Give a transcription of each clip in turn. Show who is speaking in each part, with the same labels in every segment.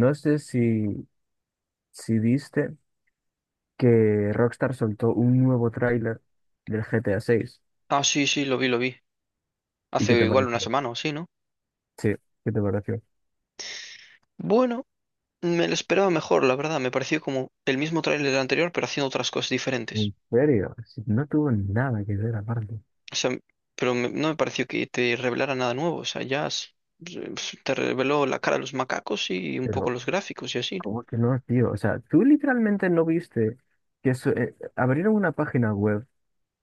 Speaker 1: No sé si viste que Rockstar soltó un nuevo tráiler del GTA 6.
Speaker 2: Ah, sí, sí, lo vi, lo vi.
Speaker 1: ¿Y qué
Speaker 2: Hace
Speaker 1: te
Speaker 2: igual una
Speaker 1: pareció?
Speaker 2: semana o así, ¿no?
Speaker 1: Sí, ¿qué te pareció?
Speaker 2: Bueno, me lo esperaba mejor, la verdad. Me pareció como el mismo tráiler del anterior, pero haciendo otras cosas diferentes.
Speaker 1: ¿En serio? Si no tuvo nada que ver aparte.
Speaker 2: O sea, pero no me pareció que te revelara nada nuevo. O sea, ya te reveló la cara de los macacos y un poco
Speaker 1: Pero,
Speaker 2: los gráficos y así.
Speaker 1: ¿cómo que no, tío? O sea, tú literalmente no viste que abrieron una página web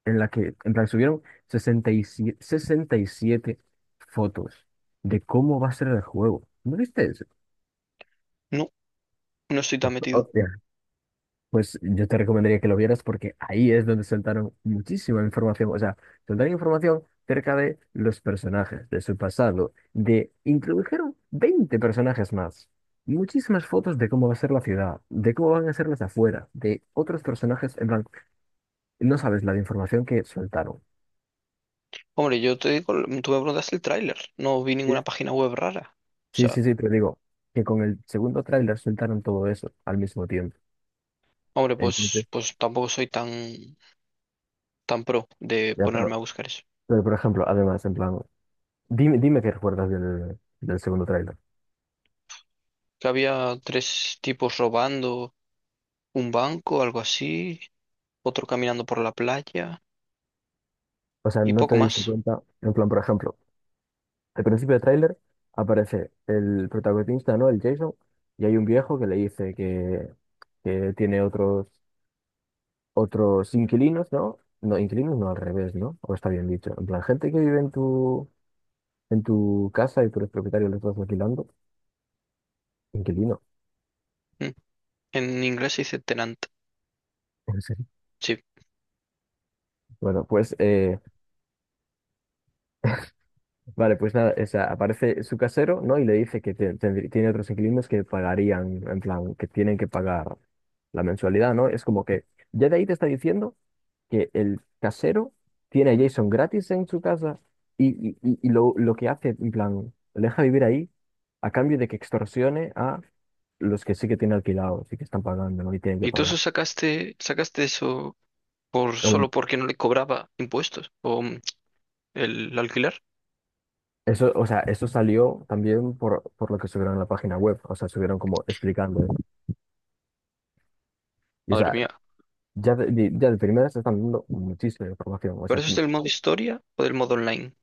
Speaker 1: en la que subieron sesenta y siete fotos de cómo va a ser el juego. ¿No viste eso?
Speaker 2: No, no estoy tan metido.
Speaker 1: Pues yo te recomendaría que lo vieras porque ahí es donde soltaron muchísima información. O sea, soltaron información cerca de los personajes, de su pasado, de introdujeron 20 personajes más. Muchísimas fotos de cómo va a ser la ciudad, de cómo van a ser las afueras, de otros personajes. En plan, no sabes la de información que soltaron.
Speaker 2: Hombre, yo te digo, tú me preguntaste el tráiler. No vi
Speaker 1: Sí.
Speaker 2: ninguna página web rara. O
Speaker 1: Sí,
Speaker 2: sea,
Speaker 1: sí, sí, pero digo que con el segundo tráiler soltaron todo eso al mismo tiempo.
Speaker 2: hombre,
Speaker 1: Entonces,
Speaker 2: pues tampoco soy tan pro de
Speaker 1: ya,
Speaker 2: ponerme
Speaker 1: pero,
Speaker 2: a buscar eso.
Speaker 1: pero por ejemplo, además, en plan, dime qué recuerdas del segundo tráiler.
Speaker 2: Que había tres tipos robando, un banco, algo así, otro caminando por la playa
Speaker 1: O sea,
Speaker 2: y
Speaker 1: no
Speaker 2: poco
Speaker 1: te diste
Speaker 2: más.
Speaker 1: cuenta, en plan, por ejemplo, al principio del tráiler aparece el protagonista, ¿no? El Jason, y hay un viejo que le dice que tiene otros inquilinos, ¿no? No, inquilinos no, al revés, ¿no? O está bien dicho. En plan, gente que vive en tu casa y tú eres propietario, lo estás alquilando. Inquilino,
Speaker 2: Mm. En inglés se dice tenant,
Speaker 1: en serio.
Speaker 2: sí.
Speaker 1: Bueno, pues vale, pues nada, o sea, aparece su casero, ¿no? Y le dice que tiene otros inquilinos que pagarían, en plan, que tienen que pagar la mensualidad, ¿no? Es como que ya de ahí te está diciendo que el casero tiene a Jason gratis en su casa y lo que hace, en plan, le deja vivir ahí a cambio de que extorsione a los que sí que tienen alquilados y que están pagando, ¿no? Y tienen que
Speaker 2: ¿Y tú eso
Speaker 1: pagar.
Speaker 2: sacaste eso por
Speaker 1: Hombre,
Speaker 2: solo porque no le cobraba impuestos o el alquiler?
Speaker 1: eso, o sea, eso salió también por lo que subieron a la página web, o sea, subieron como explicando eso. Y, o
Speaker 2: Madre
Speaker 1: sea,
Speaker 2: mía.
Speaker 1: ya de primeras te están dando muchísima información, o
Speaker 2: ¿Pero
Speaker 1: sea,
Speaker 2: eso es del modo historia o del modo online?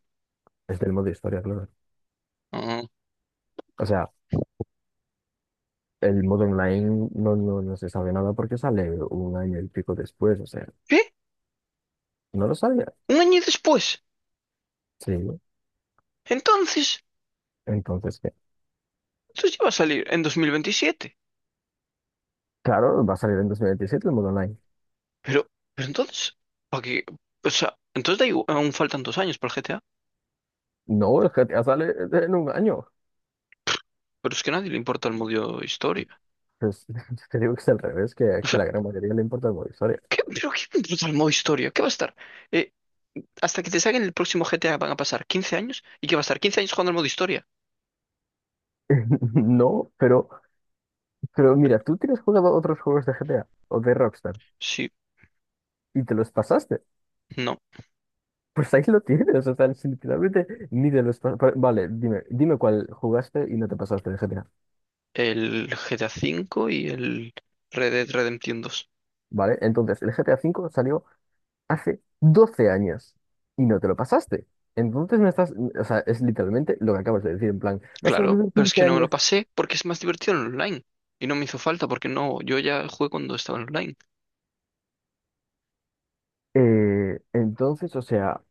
Speaker 1: desde el modo historia, claro.
Speaker 2: Ah.
Speaker 1: O sea, el modo online no se sabe nada porque sale un año y pico después. O sea,
Speaker 2: ¿Qué?
Speaker 1: no lo sabía.
Speaker 2: ¿Un año después?
Speaker 1: Sí,
Speaker 2: Entonces,
Speaker 1: entonces, ¿qué?
Speaker 2: ya va a salir en 2027.
Speaker 1: Claro, va a salir en 2027 el modo online.
Speaker 2: Pero, pero, entonces, ¿para qué? O sea, entonces da igual, aún faltan 2 años para el GTA.
Speaker 1: No, el GTA sale en un año.
Speaker 2: Pero es que a nadie le importa el modo historia.
Speaker 1: Pues, te digo que es al revés, que a la gran mayoría le importa el modo historia.
Speaker 2: ¿Qué, pero qué puto al modo historia? ¿Qué va a estar? Eh, hasta que te saquen el próximo GTA van a pasar 15 años. ¿Y qué va a estar? ¿15 años jugando al modo historia?
Speaker 1: No, pero mira, tú tienes jugado otros juegos de GTA o de Rockstar
Speaker 2: Sí,
Speaker 1: y te los pasaste.
Speaker 2: no.
Speaker 1: Pues ahí lo tienes. O sea, literalmente ni de los... pa- pa- vale, dime cuál jugaste y no te pasaste el GTA,
Speaker 2: El GTA V y el Red Dead Redemption 2.
Speaker 1: ¿vale? Entonces, el GTA V salió hace 12 años y no te lo pasaste. Entonces me estás... O sea, es literalmente lo que acabas de decir, en plan, vas a
Speaker 2: Claro,
Speaker 1: vivir
Speaker 2: pero es
Speaker 1: 15
Speaker 2: que no me lo
Speaker 1: años.
Speaker 2: pasé porque es más divertido en online. Y no me hizo falta porque no, yo ya jugué cuando estaba en online.
Speaker 1: Entonces, o sea,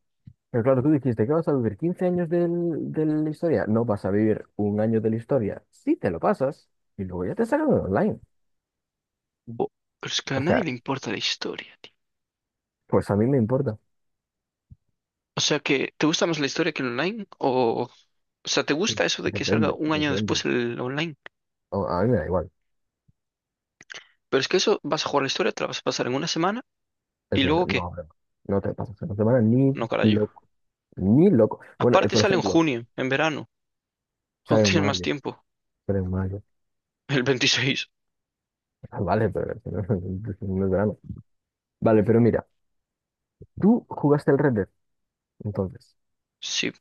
Speaker 1: pero claro, tú dijiste que vas a vivir 15 años de la historia. No vas a vivir un año de la historia. Sí te lo pasas y luego ya te sacan online.
Speaker 2: Bo- Pero es que a
Speaker 1: O
Speaker 2: nadie
Speaker 1: sea,
Speaker 2: le importa la historia, tío.
Speaker 1: pues a mí me importa.
Speaker 2: O sea que, ¿te gusta más la historia que el online? O sea, ¿te gusta eso de que salga
Speaker 1: Depende,
Speaker 2: un año
Speaker 1: depende.
Speaker 2: después el online?
Speaker 1: A mí me da igual.
Speaker 2: Pero es que eso, vas a jugar la historia, te la vas a pasar en una semana y
Speaker 1: Eso no,
Speaker 2: luego, ¿qué?
Speaker 1: no, no te pasas una semana ni
Speaker 2: No, carajo.
Speaker 1: loco. Ni loco. Bueno,
Speaker 2: Aparte
Speaker 1: por
Speaker 2: sale en
Speaker 1: ejemplo,
Speaker 2: junio, en verano,
Speaker 1: sale
Speaker 2: cuando
Speaker 1: en
Speaker 2: tienes más
Speaker 1: mayo.
Speaker 2: tiempo.
Speaker 1: Sale en mayo.
Speaker 2: El 26.
Speaker 1: Ah, vale, pero si no, no es verano. Vale, pero mira, tú jugaste el Red Dead, entonces.
Speaker 2: Sí,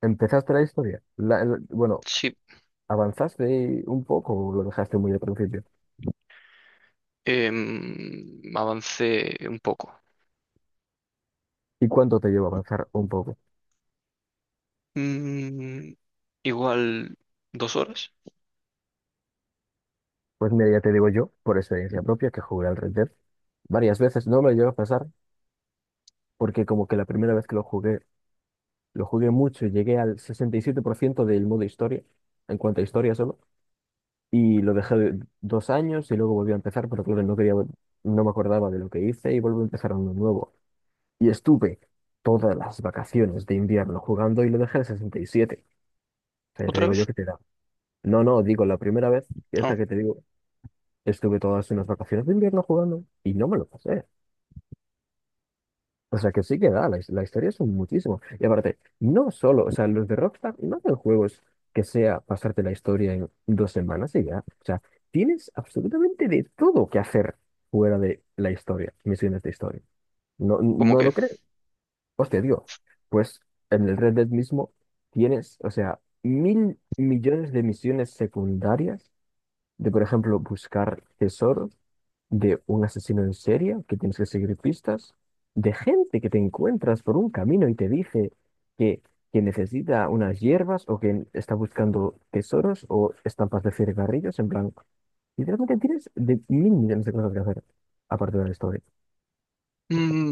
Speaker 1: Empezaste la historia. Bueno,
Speaker 2: sí.
Speaker 1: ¿avanzaste un poco o lo dejaste muy al principio?
Speaker 2: Avancé un poco.
Speaker 1: ¿Y cuánto te llevó a avanzar un poco?
Speaker 2: Mm, igual 2 horas.
Speaker 1: Pues mira, ya te digo yo, por experiencia propia, que jugué al Red Dead varias veces. No me lo llevo a pasar porque como que la primera vez que lo jugué, lo jugué mucho, llegué al 67% del modo historia, en cuanto a historia solo, y lo dejé 2 años y luego volví a empezar, pero claro, no quería, no me acordaba de lo que hice y volví a empezar uno nuevo. Y estuve todas las vacaciones de invierno jugando y lo dejé al 67. O sea, ya te
Speaker 2: ¿Otra
Speaker 1: digo yo
Speaker 2: vez?
Speaker 1: que te da. No, no, digo, la primera vez, y esta
Speaker 2: No,
Speaker 1: que te digo, estuve todas unas vacaciones de invierno jugando y no me lo pasé. O sea, que sí que da, la historia son muchísimo. Y aparte, no solo, o sea, los de Rockstar no hacen juegos que sea pasarte la historia en 2 semanas y ya. O sea, tienes absolutamente de todo que hacer fuera de la historia, misiones de historia. No,
Speaker 2: ¿cómo
Speaker 1: no
Speaker 2: que?
Speaker 1: lo crees. Hostia, digo, pues en el Red Dead mismo tienes, o sea, mil millones de misiones secundarias de, por ejemplo, buscar tesoros de un asesino en serie que tienes que seguir pistas, de gente que te encuentras por un camino y te dice que, que necesita unas hierbas o que está buscando tesoros o estampas de cigarrillos, en plan, literalmente tienes de mil millones de cosas que hacer aparte de la historia.
Speaker 2: Mm,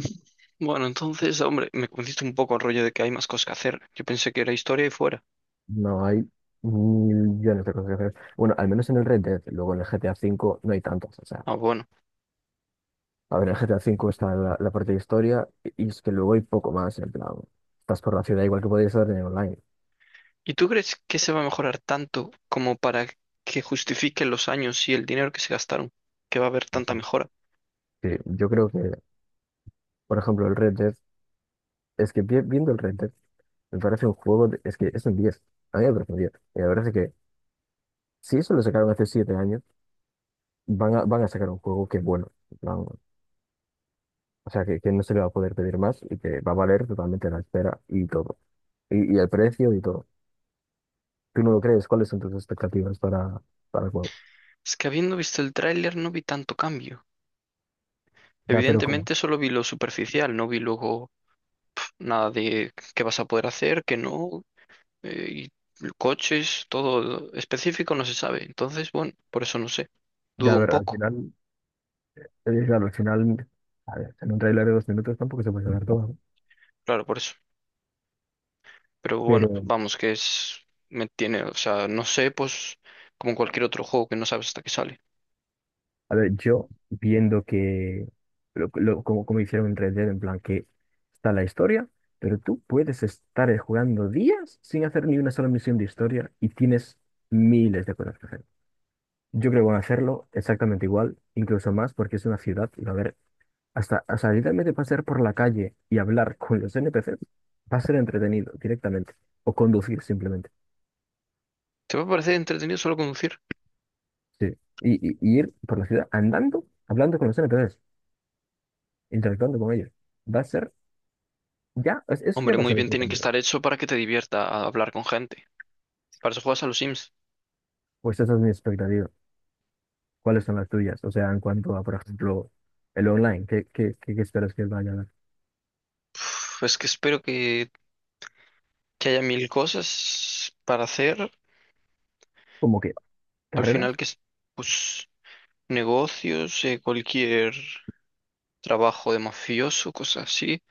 Speaker 2: bueno, entonces, hombre, me convenciste un poco el rollo de que hay más cosas que hacer. Yo pensé que era historia y fuera.
Speaker 1: No hay mil millones de cosas que hacer. Bueno, al menos en el Red Dead, luego en el GTA V no hay tantas. O sea,
Speaker 2: Ah, bueno.
Speaker 1: a ver, en el GTA V está la parte de historia y es que luego hay poco más, en plan, estás por la ciudad igual que podrías estar en el online.
Speaker 2: ¿Y tú crees que se va a mejorar tanto como para que justifiquen los años y el dinero que se gastaron? ¿Que va a haber tanta mejora?
Speaker 1: Sí, yo creo que, por ejemplo, el Red Dead, es que viendo el Red Dead, me parece un juego, es que es un 10, a mí me parece un 10. Y la verdad es que si eso lo sacaron hace 7 años, van a sacar un juego que es bueno, en plan, o sea, que no se le va a poder pedir más y que va a valer totalmente la espera y todo, y el precio y todo. ¿Tú no lo crees? ¿Cuáles son tus expectativas para el juego?
Speaker 2: Es que habiendo visto el tráiler no vi tanto cambio.
Speaker 1: Ya, pero ¿cómo?
Speaker 2: Evidentemente solo vi lo superficial, no vi luego nada de qué vas a poder hacer, qué no, eh, y coches, todo específico no se sabe. Entonces, bueno, por eso no sé.
Speaker 1: Ya, a
Speaker 2: Dudo un
Speaker 1: ver, al
Speaker 2: poco,
Speaker 1: final, claro, al final, a ver, en un tráiler de 2 minutos tampoco se puede saber todo, ¿no?
Speaker 2: claro, por eso. Pero bueno,
Speaker 1: Pero,
Speaker 2: vamos, que es... Me tiene, o sea, no sé, pues como cualquier otro juego que no sabes hasta que sale.
Speaker 1: a ver, yo viendo que, como hicieron en Red Dead, en plan que está la historia, pero tú puedes estar jugando días sin hacer ni una sola misión de historia y tienes miles de cosas que hacer. Yo creo que van a hacerlo exactamente igual, incluso más, porque es una ciudad y va a haber, hasta literalmente pasear por la calle y hablar con los NPCs va a ser entretenido directamente, o conducir simplemente.
Speaker 2: ¿Te va a parecer entretenido solo conducir?
Speaker 1: Sí. Y ir por la ciudad andando, hablando con los NPCs, interactuando con ellos. Va a ser Ya, eso ya
Speaker 2: Hombre,
Speaker 1: pasó
Speaker 2: muy
Speaker 1: el
Speaker 2: bien tiene que
Speaker 1: entretenido.
Speaker 2: estar hecho para que te divierta a hablar con gente. Para eso juegas a los Sims.
Speaker 1: Pues esas son mis expectativas. ¿Cuáles son las tuyas? O sea, en cuanto a, por ejemplo, el online, ¿qué esperas que vaya a dar?
Speaker 2: Pues que espero que haya mil cosas para hacer.
Speaker 1: ¿Cómo que
Speaker 2: Al final
Speaker 1: carreras?
Speaker 2: que es, pues, negocios, cualquier trabajo de mafioso, cosas así.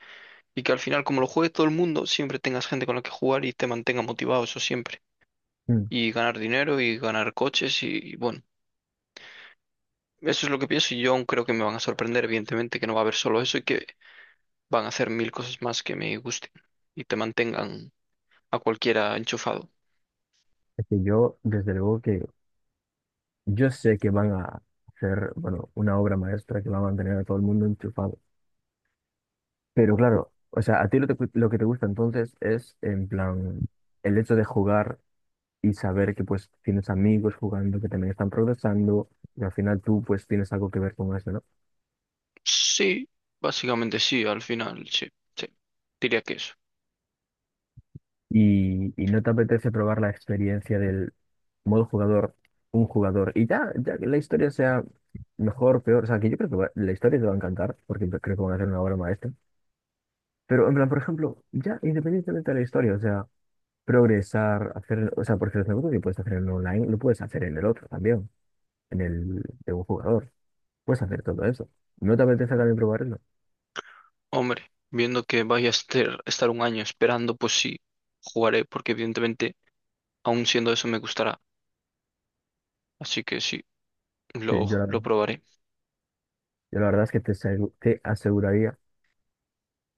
Speaker 2: Y que al final, como lo juegue todo el mundo, siempre tengas gente con la que jugar y te mantenga motivado, eso siempre.
Speaker 1: Mm,
Speaker 2: Y ganar dinero y ganar coches y, bueno, eso es lo que pienso y yo aún creo que me van a sorprender, evidentemente, que no va a haber solo eso y que van a hacer mil cosas más que me gusten y te mantengan a cualquiera enchufado.
Speaker 1: Es que yo, desde luego que yo sé que van a hacer, bueno, una obra maestra que va a mantener a todo el mundo enchufado. Pero claro, o sea, a ti lo que te gusta entonces es, en plan, el hecho de jugar y saber que pues tienes amigos jugando, que también están progresando, y al final tú pues tienes algo que ver con eso, ¿no?
Speaker 2: Sí, básicamente sí, al final, sí, sí, diría que eso.
Speaker 1: Y no te apetece probar la experiencia del modo jugador, un jugador, y ya que la historia sea mejor, peor, o sea, que yo creo que la historia te va a encantar, porque creo que van a hacer una obra maestra, pero en plan, por ejemplo, ya independientemente de la historia, o sea, progresar, hacer, o sea, porque los negocios que puedes hacer en online, lo puedes hacer en el otro también, en el de un jugador, puedes hacer todo eso. ¿No te apetece también probar eso?
Speaker 2: Hombre, viendo que vaya a estar un año esperando, pues sí, jugaré, porque evidentemente, aún siendo eso, me gustará. Así que sí,
Speaker 1: Sí,
Speaker 2: lo, lo probaré.
Speaker 1: Yo la verdad es que te aseguraría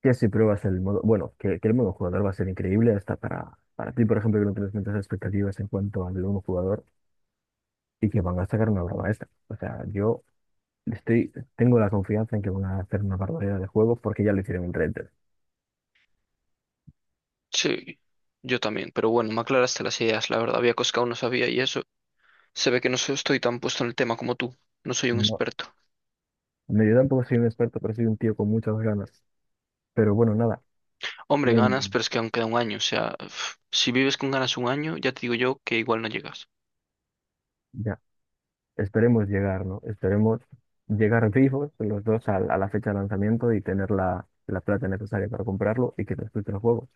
Speaker 1: que si pruebas el modo, bueno, que el modo jugador va a ser increíble hasta para ti, por ejemplo, que no tienes muchas expectativas en cuanto al modo jugador y que van a sacar una obra maestra. O sea, yo estoy, tengo la confianza en que van a hacer una barbaridad de juegos porque ya lo hicieron en Red Dead.
Speaker 2: Sí, yo también, pero bueno, me aclaraste las ideas, la verdad. Había cosas que aún no sabía y eso. Se ve que no estoy tan puesto en el tema como tú. No soy un
Speaker 1: No,
Speaker 2: experto.
Speaker 1: me yo tampoco soy un experto, pero soy un tío con muchas ganas. Pero bueno, nada,
Speaker 2: Hombre, ganas,
Speaker 1: em,
Speaker 2: pero es que aún queda un año. O sea, uf, si vives con ganas un año, ya te digo yo que igual no llegas.
Speaker 1: ya, esperemos llegar, ¿no? Esperemos llegar vivos los dos a la fecha de lanzamiento y tener la plata necesaria para comprarlo y que disfrute el juego.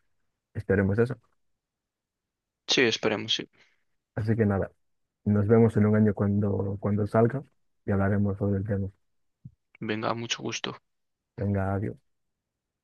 Speaker 1: Esperemos eso.
Speaker 2: Sí, esperemos, sí.
Speaker 1: Así que nada, nos vemos en un año cuando salga y hablaremos sobre el tema.
Speaker 2: Venga, mucho gusto.
Speaker 1: Venga, adiós.